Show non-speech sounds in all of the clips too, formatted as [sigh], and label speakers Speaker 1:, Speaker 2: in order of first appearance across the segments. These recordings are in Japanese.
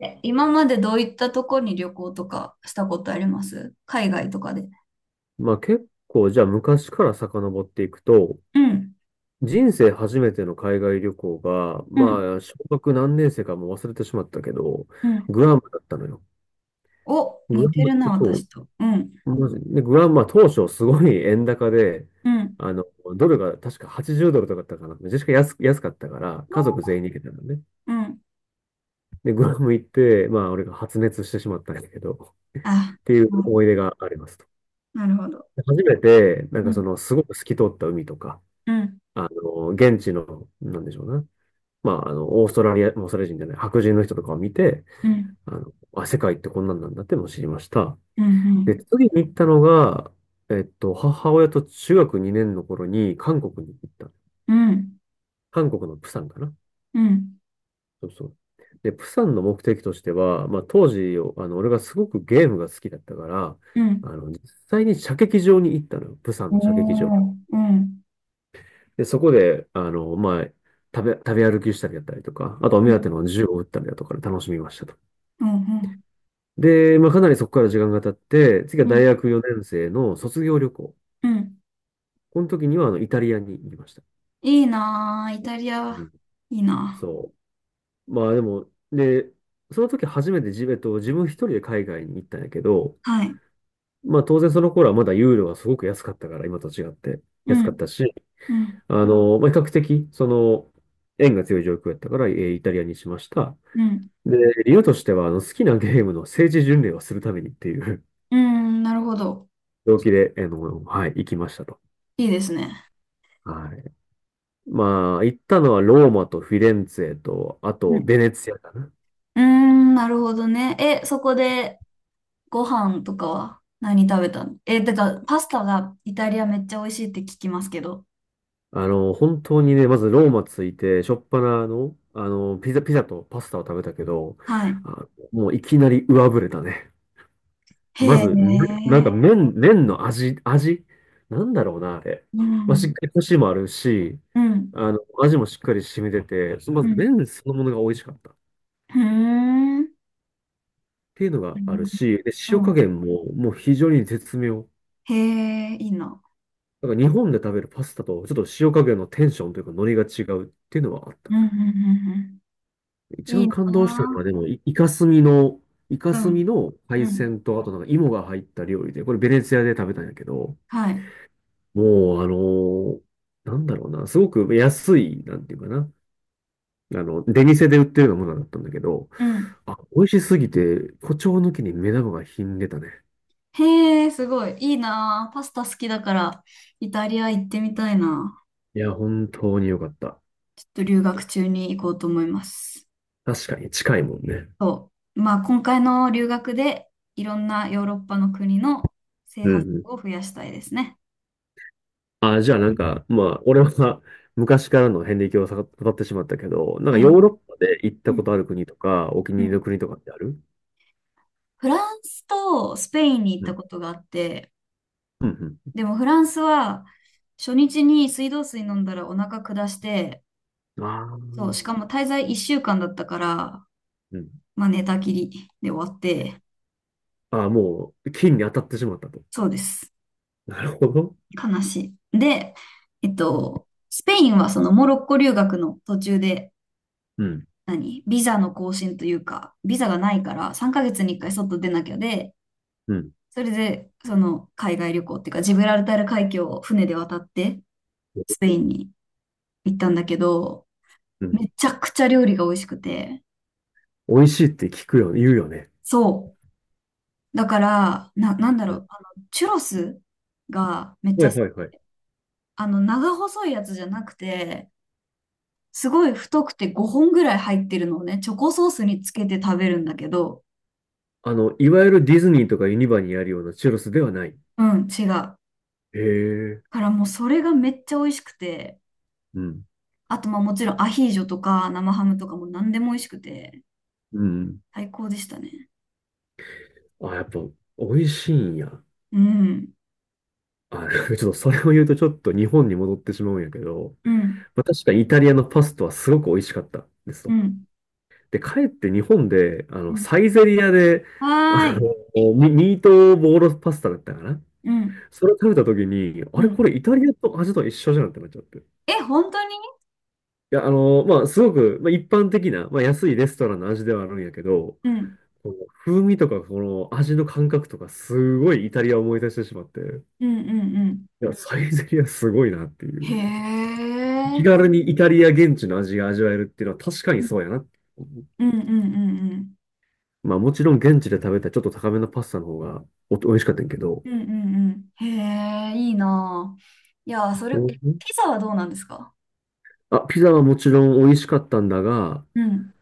Speaker 1: え、今までどういったとこに旅行とかしたことあります？海外とかで。
Speaker 2: まあ結構、じゃあ昔から遡っていくと、
Speaker 1: うん、
Speaker 2: 人生初めての海外旅行が、
Speaker 1: うん、
Speaker 2: 小学何年生かもう忘れてしまったけど、
Speaker 1: うん。
Speaker 2: グアムだったのよ。
Speaker 1: お、
Speaker 2: グア
Speaker 1: 似てる
Speaker 2: ム、
Speaker 1: な、
Speaker 2: そ
Speaker 1: 私と。うん、
Speaker 2: う、マジで、グアム、まあ当初すごい [laughs] 円高で、
Speaker 1: うん、
Speaker 2: あの、ドルが確か80ドルとかだったかな。めちゃくちゃ安かったから、家族全員に行けたのね。
Speaker 1: うん。
Speaker 2: で、グアム行って、まあ俺が発熱してしまったんだけど、
Speaker 1: あ、
Speaker 2: っていう
Speaker 1: あ、
Speaker 2: 思い出がありますと。
Speaker 1: なるほど。
Speaker 2: 初めて、
Speaker 1: うん、
Speaker 2: すごく透き通った海とか、
Speaker 1: うん、
Speaker 2: 現地の、なんでしょうね。オーストラリア、オーストラリア人じゃない、白人の人とかを見て、
Speaker 1: うん、
Speaker 2: 世界ってこんなんなんだってものを知りました。
Speaker 1: うん、う
Speaker 2: で、
Speaker 1: ん、
Speaker 2: 次に行ったのが、えっと、母親と中学2年の頃に韓国に行った。
Speaker 1: うん、
Speaker 2: 韓国のプサンかな。
Speaker 1: うん、
Speaker 2: そうそう。で、プサンの目的としては、まあ、当時、俺がすごくゲームが好きだったから、
Speaker 1: うん。
Speaker 2: 実際に射撃場に行ったのよ。プサン
Speaker 1: お
Speaker 2: の射撃場。
Speaker 1: ー、うん、
Speaker 2: で、そこで、食べ歩きしたりだったりとか、あとお
Speaker 1: う
Speaker 2: 目当
Speaker 1: ん、
Speaker 2: ての銃を撃ったりだとかで楽しみましたと。
Speaker 1: うん、
Speaker 2: で、まあ、かなりそこから時間が経って、次は
Speaker 1: うん、
Speaker 2: 大学4年生の卒業旅行。
Speaker 1: うん。
Speaker 2: この時には、イタリアに行きました。
Speaker 1: いいなぁ、イタリ
Speaker 2: う
Speaker 1: ア、
Speaker 2: ん。
Speaker 1: いいな
Speaker 2: そう。まあ、でも、で、その時初めて自、えっと、自分一人で海外に行ったんやけど、
Speaker 1: ぁ。はい。
Speaker 2: まあ、当然その頃はまだユーロがすごく安かったから、今と違って。
Speaker 1: う
Speaker 2: 安かっ
Speaker 1: ん、
Speaker 2: たし、
Speaker 1: うん、
Speaker 2: 比較的、円が強い状況やったから、イタリアにしました。
Speaker 1: うん、
Speaker 2: で、理由としては、好きなゲームの政治巡礼をするためにっていう
Speaker 1: うん、なるほど。
Speaker 2: [laughs] 動機で、あの、はい、行きましたと。
Speaker 1: いいですね。
Speaker 2: はい。まあ、行ったのはローマとフィレンツェと、あと、ベネツィアかな。
Speaker 1: うーん、なるほどね。え、そこでご飯とかは何食べたの？え、だからパスタがイタリアめっちゃ美味しいって聞きますけど。
Speaker 2: 本当にね、まずローマ着いて、しょっぱなの、ピザとパスタを食べたけど、
Speaker 1: はい。
Speaker 2: あ、もういきなり上振れたね。
Speaker 1: へ
Speaker 2: まず、めなんか
Speaker 1: え。
Speaker 2: 麺の味、なんだろうな、あれ。
Speaker 1: う
Speaker 2: まあ、し
Speaker 1: ん。
Speaker 2: っかりコシもあるし、
Speaker 1: うん。
Speaker 2: 味もしっかり染みてて、ま
Speaker 1: う
Speaker 2: ず
Speaker 1: ん。
Speaker 2: 麺そのものが美味しかったっ
Speaker 1: ふーん。
Speaker 2: ていうの
Speaker 1: う
Speaker 2: がある
Speaker 1: ん。
Speaker 2: し、で、塩
Speaker 1: う
Speaker 2: 加
Speaker 1: ん、
Speaker 2: 減ももう非常に絶妙。
Speaker 1: へえ、いいな。
Speaker 2: なんか日本で食べるパスタとちょっと塩加減のテンションというかノリが違うっていうのはあった
Speaker 1: うん。
Speaker 2: ね。
Speaker 1: うん。うんうん、
Speaker 2: 一
Speaker 1: いい
Speaker 2: 番感動したの
Speaker 1: な。
Speaker 2: はでも、イカ
Speaker 1: う
Speaker 2: ス
Speaker 1: ん。
Speaker 2: ミの
Speaker 1: う
Speaker 2: 海
Speaker 1: ん。
Speaker 2: 鮮と、あとなんか芋が入った料理で、これベネツィアで食べたんやけど、
Speaker 1: はい。
Speaker 2: もう、あのーなんだろうな、すごく安い、なんていうかな、出店で売ってるようなものだったんだけど、
Speaker 1: うん。
Speaker 2: あ、美味しすぎて、誇張抜きに目玉がひんでたね。
Speaker 1: へえ、すごい。いいな。パスタ好きだから、イタリア行ってみたいな。
Speaker 2: いや、本当に良かった。
Speaker 1: ちょっと留学中に行こうと思います。
Speaker 2: 確かに近いもんね。
Speaker 1: そう。まあ、今回の留学でいろんなヨーロッパの国の制
Speaker 2: うん
Speaker 1: 覇
Speaker 2: うん。
Speaker 1: 数を増やしたいですね。
Speaker 2: あ、じゃあなんか、まあ、俺は [laughs] 昔からの遍歴をさ語ってしまったけど、なん
Speaker 1: は
Speaker 2: か
Speaker 1: いは
Speaker 2: ヨ
Speaker 1: い。
Speaker 2: ーロッパで行っ
Speaker 1: う
Speaker 2: たこ
Speaker 1: ん
Speaker 2: とある国とか、お気に
Speaker 1: う
Speaker 2: 入りの
Speaker 1: ん。
Speaker 2: 国とかってある？
Speaker 1: フランスとスペインに行っ
Speaker 2: う
Speaker 1: た
Speaker 2: ん。
Speaker 1: ことがあって、
Speaker 2: うん
Speaker 1: でもフランスは初日に水道水飲んだらお腹下して、
Speaker 2: うん。あ
Speaker 1: そう、
Speaker 2: あ、
Speaker 1: しかも滞在1週間だったから、
Speaker 2: うん。
Speaker 1: まあ寝たきりで終わって、
Speaker 2: ああ、もう、金に当たってしまったと。
Speaker 1: そうです。
Speaker 2: なるほど。
Speaker 1: 悲しい。で、スペインはそのモロッコ留学の途中で
Speaker 2: うん。
Speaker 1: 何ビザの更新というか、ビザがないから3ヶ月に1回外出なきゃで、
Speaker 2: うん。
Speaker 1: それでその海外旅行っていうか、ジブラルタル海峡を船で渡ってスペインに行ったんだけど、
Speaker 2: うん。
Speaker 1: めちゃくちゃ料理が美味しくて、
Speaker 2: 美味しいって聞くよ、言うよね。
Speaker 1: そう。だから、なんだ
Speaker 2: う
Speaker 1: ろ
Speaker 2: ん。
Speaker 1: う、チュロスがめっち
Speaker 2: は
Speaker 1: ゃ、
Speaker 2: いはいはい。
Speaker 1: 長細いやつじゃなくて、すごい太くて5本ぐらい入ってるのをね、チョコソースにつけて食べるんだけど、
Speaker 2: いわゆるディズニーとかユニバにあるようなチュロスではない。
Speaker 1: うん、違う。
Speaker 2: へえ。
Speaker 1: からもうそれがめっちゃ美味しくて、
Speaker 2: うん。
Speaker 1: あと、まあもちろんアヒージョとか生ハムとかも何でも美味しくて、
Speaker 2: うん。
Speaker 1: 最高でしたね。
Speaker 2: あ、やっぱ、美味しいんや。
Speaker 1: うん。
Speaker 2: あ、[laughs] ちょっとそれを言うとちょっと日本に戻ってしまうんやけど、
Speaker 1: うん。
Speaker 2: まあ、確かにイタリアのパスタはすごく美味しかったです
Speaker 1: う
Speaker 2: と。
Speaker 1: ん。
Speaker 2: で、かえって日本で、
Speaker 1: うん
Speaker 2: サイゼリアで、
Speaker 1: は
Speaker 2: あ
Speaker 1: ーい。
Speaker 2: ミートボールパスタだったかな。
Speaker 1: うん。
Speaker 2: それを食べた時に、あ
Speaker 1: う
Speaker 2: れ
Speaker 1: ん。
Speaker 2: これイタリアと味と一緒じゃんってなっちゃって。
Speaker 1: え、本当に？
Speaker 2: いや、あの、まあ、すごく、まあ、一般的な、まあ、安いレストランの味ではあるんやけど、
Speaker 1: うん。
Speaker 2: この風味とか、この味の感覚とか、すごいイタリアを思い出してしまって、
Speaker 1: うん。うん。うん。
Speaker 2: いや、サイゼリアすごいなってい
Speaker 1: へ
Speaker 2: う。気
Speaker 1: え。
Speaker 2: 軽にイタリア現地の味が味わえるっていうのは確か
Speaker 1: う
Speaker 2: に
Speaker 1: ん
Speaker 2: そうやな。
Speaker 1: うんうんうん。
Speaker 2: まあ、もちろん現地で食べたちょっと高めのパスタの方がお美味しかったんやけど、
Speaker 1: うんうんうん。へえ、いいなあ、いやあそれ、
Speaker 2: う
Speaker 1: え
Speaker 2: ん。
Speaker 1: ピザはどうなんですか？
Speaker 2: あ、ピザはもちろん美味しかったんだが、
Speaker 1: うん。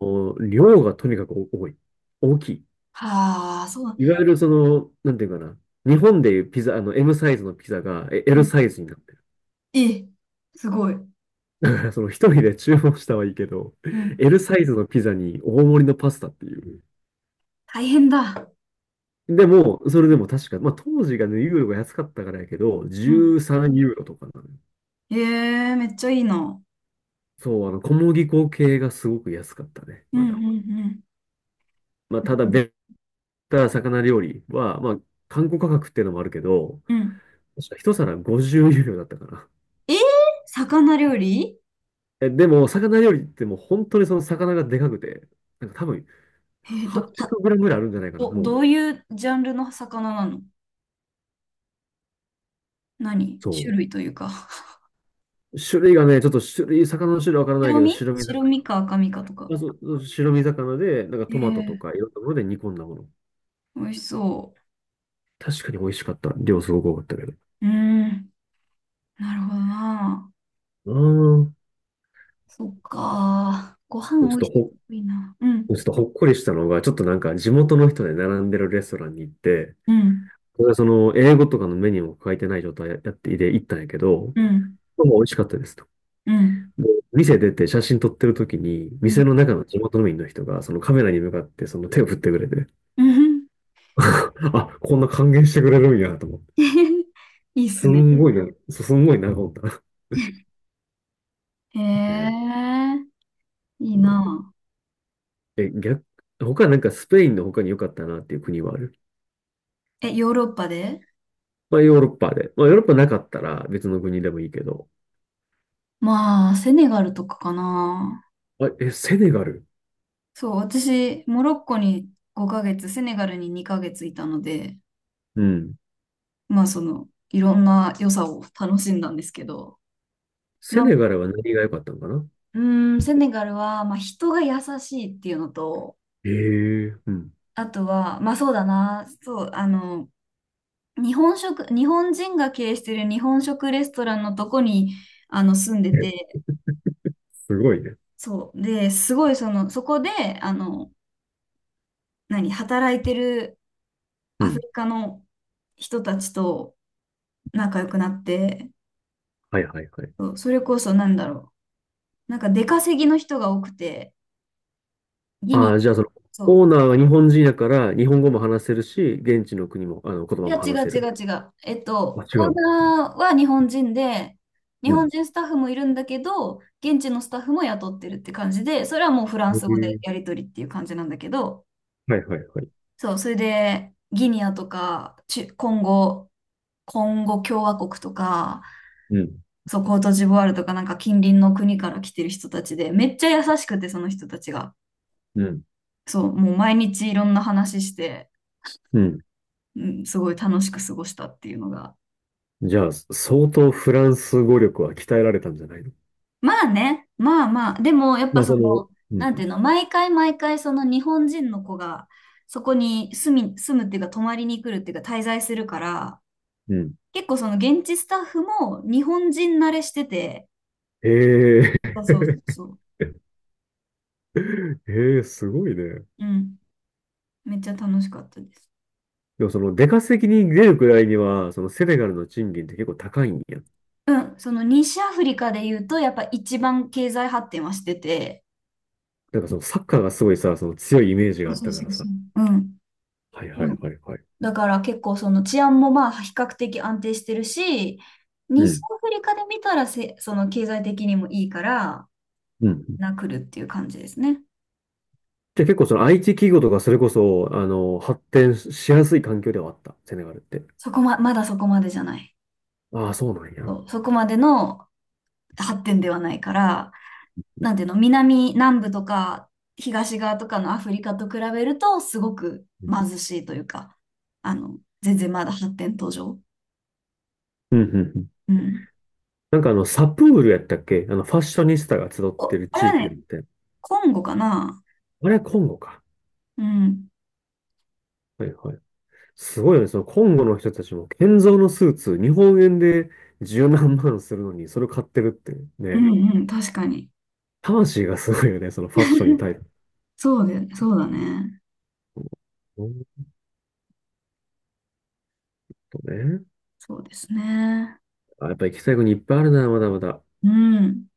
Speaker 2: お量がとにかく多い。大きい。
Speaker 1: はあ、そう。
Speaker 2: いわゆるその、なんていうかな。日本でいうピザ、M サイズのピザが
Speaker 1: う
Speaker 2: L
Speaker 1: ん、
Speaker 2: サイズになってる。
Speaker 1: え、すごい。う
Speaker 2: だから、その一人で注文したはいいけど、
Speaker 1: ん。
Speaker 2: L サイズのピザに大盛りのパスタっていう。
Speaker 1: 大変だ。
Speaker 2: でも、それでも確か、まあ当時がね、ユーロが安かったからやけど、
Speaker 1: うん。
Speaker 2: 13ユーロとかなのよ。
Speaker 1: へえ、めっちゃいいな。
Speaker 2: そう、小麦粉系がすごく安かったね、
Speaker 1: う
Speaker 2: ま
Speaker 1: んう
Speaker 2: だ。
Speaker 1: んうん。
Speaker 2: まあただ、ベタ魚料理は、まあ、観光価格っていうのもあるけど、
Speaker 1: うん。
Speaker 2: 確か一皿50ユーロだったかな。
Speaker 1: えー、魚料理？
Speaker 2: え、でも、魚料理ってもう本当にその魚がでかくて、なんか多分
Speaker 1: えー、ど、た、
Speaker 2: 800グラムぐらいあるんじゃないかな、
Speaker 1: ど、
Speaker 2: も
Speaker 1: ど
Speaker 2: う。
Speaker 1: ういうジャンルの魚なの？何種
Speaker 2: そ
Speaker 1: 類というか。
Speaker 2: う。種類がね、ちょっと種類、魚の種類わからないけど、白身
Speaker 1: 白
Speaker 2: 魚。
Speaker 1: 身か赤身かとか。
Speaker 2: あ、そう、そう白身魚で、なんかトマトと
Speaker 1: え
Speaker 2: か
Speaker 1: え、
Speaker 2: いろんなもので煮込んだもの。
Speaker 1: 美味しそ
Speaker 2: 確かに美味しかった。量すごく多かったけど。
Speaker 1: う。うーん。なるほどな。
Speaker 2: うん。
Speaker 1: そっか。ご
Speaker 2: ちょ
Speaker 1: 飯
Speaker 2: っ
Speaker 1: 美味し
Speaker 2: と
Speaker 1: いっ
Speaker 2: ほ、
Speaker 1: ていいな。うん。
Speaker 2: ちょっとほっこりしたのが、ちょっとなんか地元の人で並んでるレストランに行って、
Speaker 1: うん。
Speaker 2: これはその英語とかのメニューも書いてない状態やってで行ったんやけど、
Speaker 1: うん。
Speaker 2: もう美味しかったです。
Speaker 1: うん。
Speaker 2: で店出て写真撮ってる時に、
Speaker 1: うん。
Speaker 2: 店の中の地元民の人が、そのカメラに向かってその手を振ってくれて、
Speaker 1: うん。
Speaker 2: [laughs] あ、こんな歓迎してくれるんやと思って。
Speaker 1: [laughs] いいっすね。
Speaker 2: すんごいな、ほんと。[laughs]
Speaker 1: へ
Speaker 2: ね、
Speaker 1: え、いい
Speaker 2: この
Speaker 1: な。
Speaker 2: え、逆、他なんかスペインの他に良かったなっていう国はある？
Speaker 1: え、ヨーロッパで？
Speaker 2: まあヨーロッパで。まあヨーロッパなかったら別の国でもいいけど。
Speaker 1: まあ、セネガルとかかな。
Speaker 2: あ、え、セネガル。
Speaker 1: そう、私、モロッコに5ヶ月、セネガルに2ヶ月いたので、
Speaker 2: うん。
Speaker 1: まあ、その、いろんな良さを楽しんだんですけど、
Speaker 2: セ
Speaker 1: まあ、
Speaker 2: ネガルは何が良かったのかな？
Speaker 1: うーん、セネガルは、まあ、人が優しいっていうのと、
Speaker 2: ええうん。
Speaker 1: あとは、まあ、そうだな、そう、日本食、日本人が経営してる日本食レストランのとこに、住んで
Speaker 2: え、
Speaker 1: て、
Speaker 2: すごいね。
Speaker 1: そう、で、すごい、その、そこで、あの、何、働いてる
Speaker 2: う
Speaker 1: アフ
Speaker 2: ん。
Speaker 1: リカの人たちと仲良くなって、
Speaker 2: はいはいはい。
Speaker 1: そう、それこそなんだろう。なんか出稼ぎの人が多くて、ギ
Speaker 2: あ
Speaker 1: ニ、
Speaker 2: あ、じゃあその、
Speaker 1: そ
Speaker 2: オー
Speaker 1: う。
Speaker 2: ナーは日本人やから、日本語も話せるし、現地の国も、言
Speaker 1: い
Speaker 2: 葉
Speaker 1: や、
Speaker 2: も
Speaker 1: 違
Speaker 2: 話
Speaker 1: う
Speaker 2: せ
Speaker 1: 違
Speaker 2: る。
Speaker 1: う違う。
Speaker 2: あ、違
Speaker 1: オー
Speaker 2: う。
Speaker 1: ナーは日本人で、日
Speaker 2: う
Speaker 1: 本
Speaker 2: ん。
Speaker 1: 人スタッフもいるんだけど、現地のスタッフも雇ってるって感じで、それはもうフラン
Speaker 2: へ
Speaker 1: ス語で
Speaker 2: え。
Speaker 1: やり取りっていう感じなんだけど、
Speaker 2: はいはいはい。
Speaker 1: そう、それで、ギニアとか、チュコンゴ、コンゴ共和国とか、
Speaker 2: うん。
Speaker 1: そう、コートジボワールとか、なんか近隣の国から来てる人たちで、めっちゃ優しくて、その人たちが。
Speaker 2: うん。
Speaker 1: そう、もう毎日いろんな話して、
Speaker 2: うん。
Speaker 1: うん、すごい楽しく過ごしたっていうのが。
Speaker 2: じゃあ、相当フランス語力は鍛えられたんじゃないの？
Speaker 1: まあね、まあまあ、でもやっ
Speaker 2: ま
Speaker 1: ぱ
Speaker 2: あ、
Speaker 1: そ
Speaker 2: その、
Speaker 1: の、
Speaker 2: う
Speaker 1: なんていう
Speaker 2: ん。
Speaker 1: の、毎回毎回その日本人の子がそこに住むっていうか泊まりに来るっていうか滞在するから、
Speaker 2: うん。
Speaker 1: 結構その現地スタッフも日本人慣れしてて、
Speaker 2: へえ。
Speaker 1: そうそうそうそう、
Speaker 2: [laughs] へえ、すごいね。
Speaker 1: うん、めっちゃ楽しかったです。
Speaker 2: でもその、出稼ぎに出るくらいには、そのセネガルの賃金って結構高いんや？
Speaker 1: うん、その西アフリカで言うとやっぱ一番経済発展はしてて、
Speaker 2: なんかそのサッカーがすごいさ、その強いイメージ
Speaker 1: そ
Speaker 2: があ
Speaker 1: う
Speaker 2: っ
Speaker 1: そう
Speaker 2: たか
Speaker 1: そ
Speaker 2: ら
Speaker 1: うそ
Speaker 2: さ。
Speaker 1: う。うん。
Speaker 2: はいはいはいはい。
Speaker 1: だから結構その治安もまあ比較的安定してるし、
Speaker 2: う
Speaker 1: 西
Speaker 2: ん。
Speaker 1: アフリカで見たらその経済的にもいいから、
Speaker 2: うん。
Speaker 1: なくるっていう感じですね。
Speaker 2: じゃあ結構その IT 企業とかそれこそ、発展しやすい環境ではあった、セネガルって？
Speaker 1: そこま、まだそこまでじゃない。
Speaker 2: ああ、そうなんや。
Speaker 1: そ
Speaker 2: う
Speaker 1: う、そこまでの発展ではないから、なんていうの、南、南部とか東側とかのアフリカと比べると、すごく
Speaker 2: ん
Speaker 1: 貧しいというか、あの、全然まだ発展途上。
Speaker 2: うんうん。
Speaker 1: うん。
Speaker 2: なんかあの、サプールやったっけあの、ファッショニスタが集って
Speaker 1: お、
Speaker 2: る
Speaker 1: あれ
Speaker 2: 地
Speaker 1: は
Speaker 2: 域があ
Speaker 1: ね、
Speaker 2: って。
Speaker 1: コンゴかな。
Speaker 2: あれはコンゴか。
Speaker 1: うん。
Speaker 2: はいはい。すごいよね。そのコンゴの人たちも、建造のスーツ、日本円で十何万するのに、それを買ってるって
Speaker 1: うん
Speaker 2: ね。
Speaker 1: うん、確かに。
Speaker 2: 魂がすごいよね。そのファッションに対する。
Speaker 1: そうで、そうだね。
Speaker 2: ほんとね。
Speaker 1: そうですね。
Speaker 2: あ、やっぱ行きたい国いっぱいあるな、まだまだ。
Speaker 1: うん。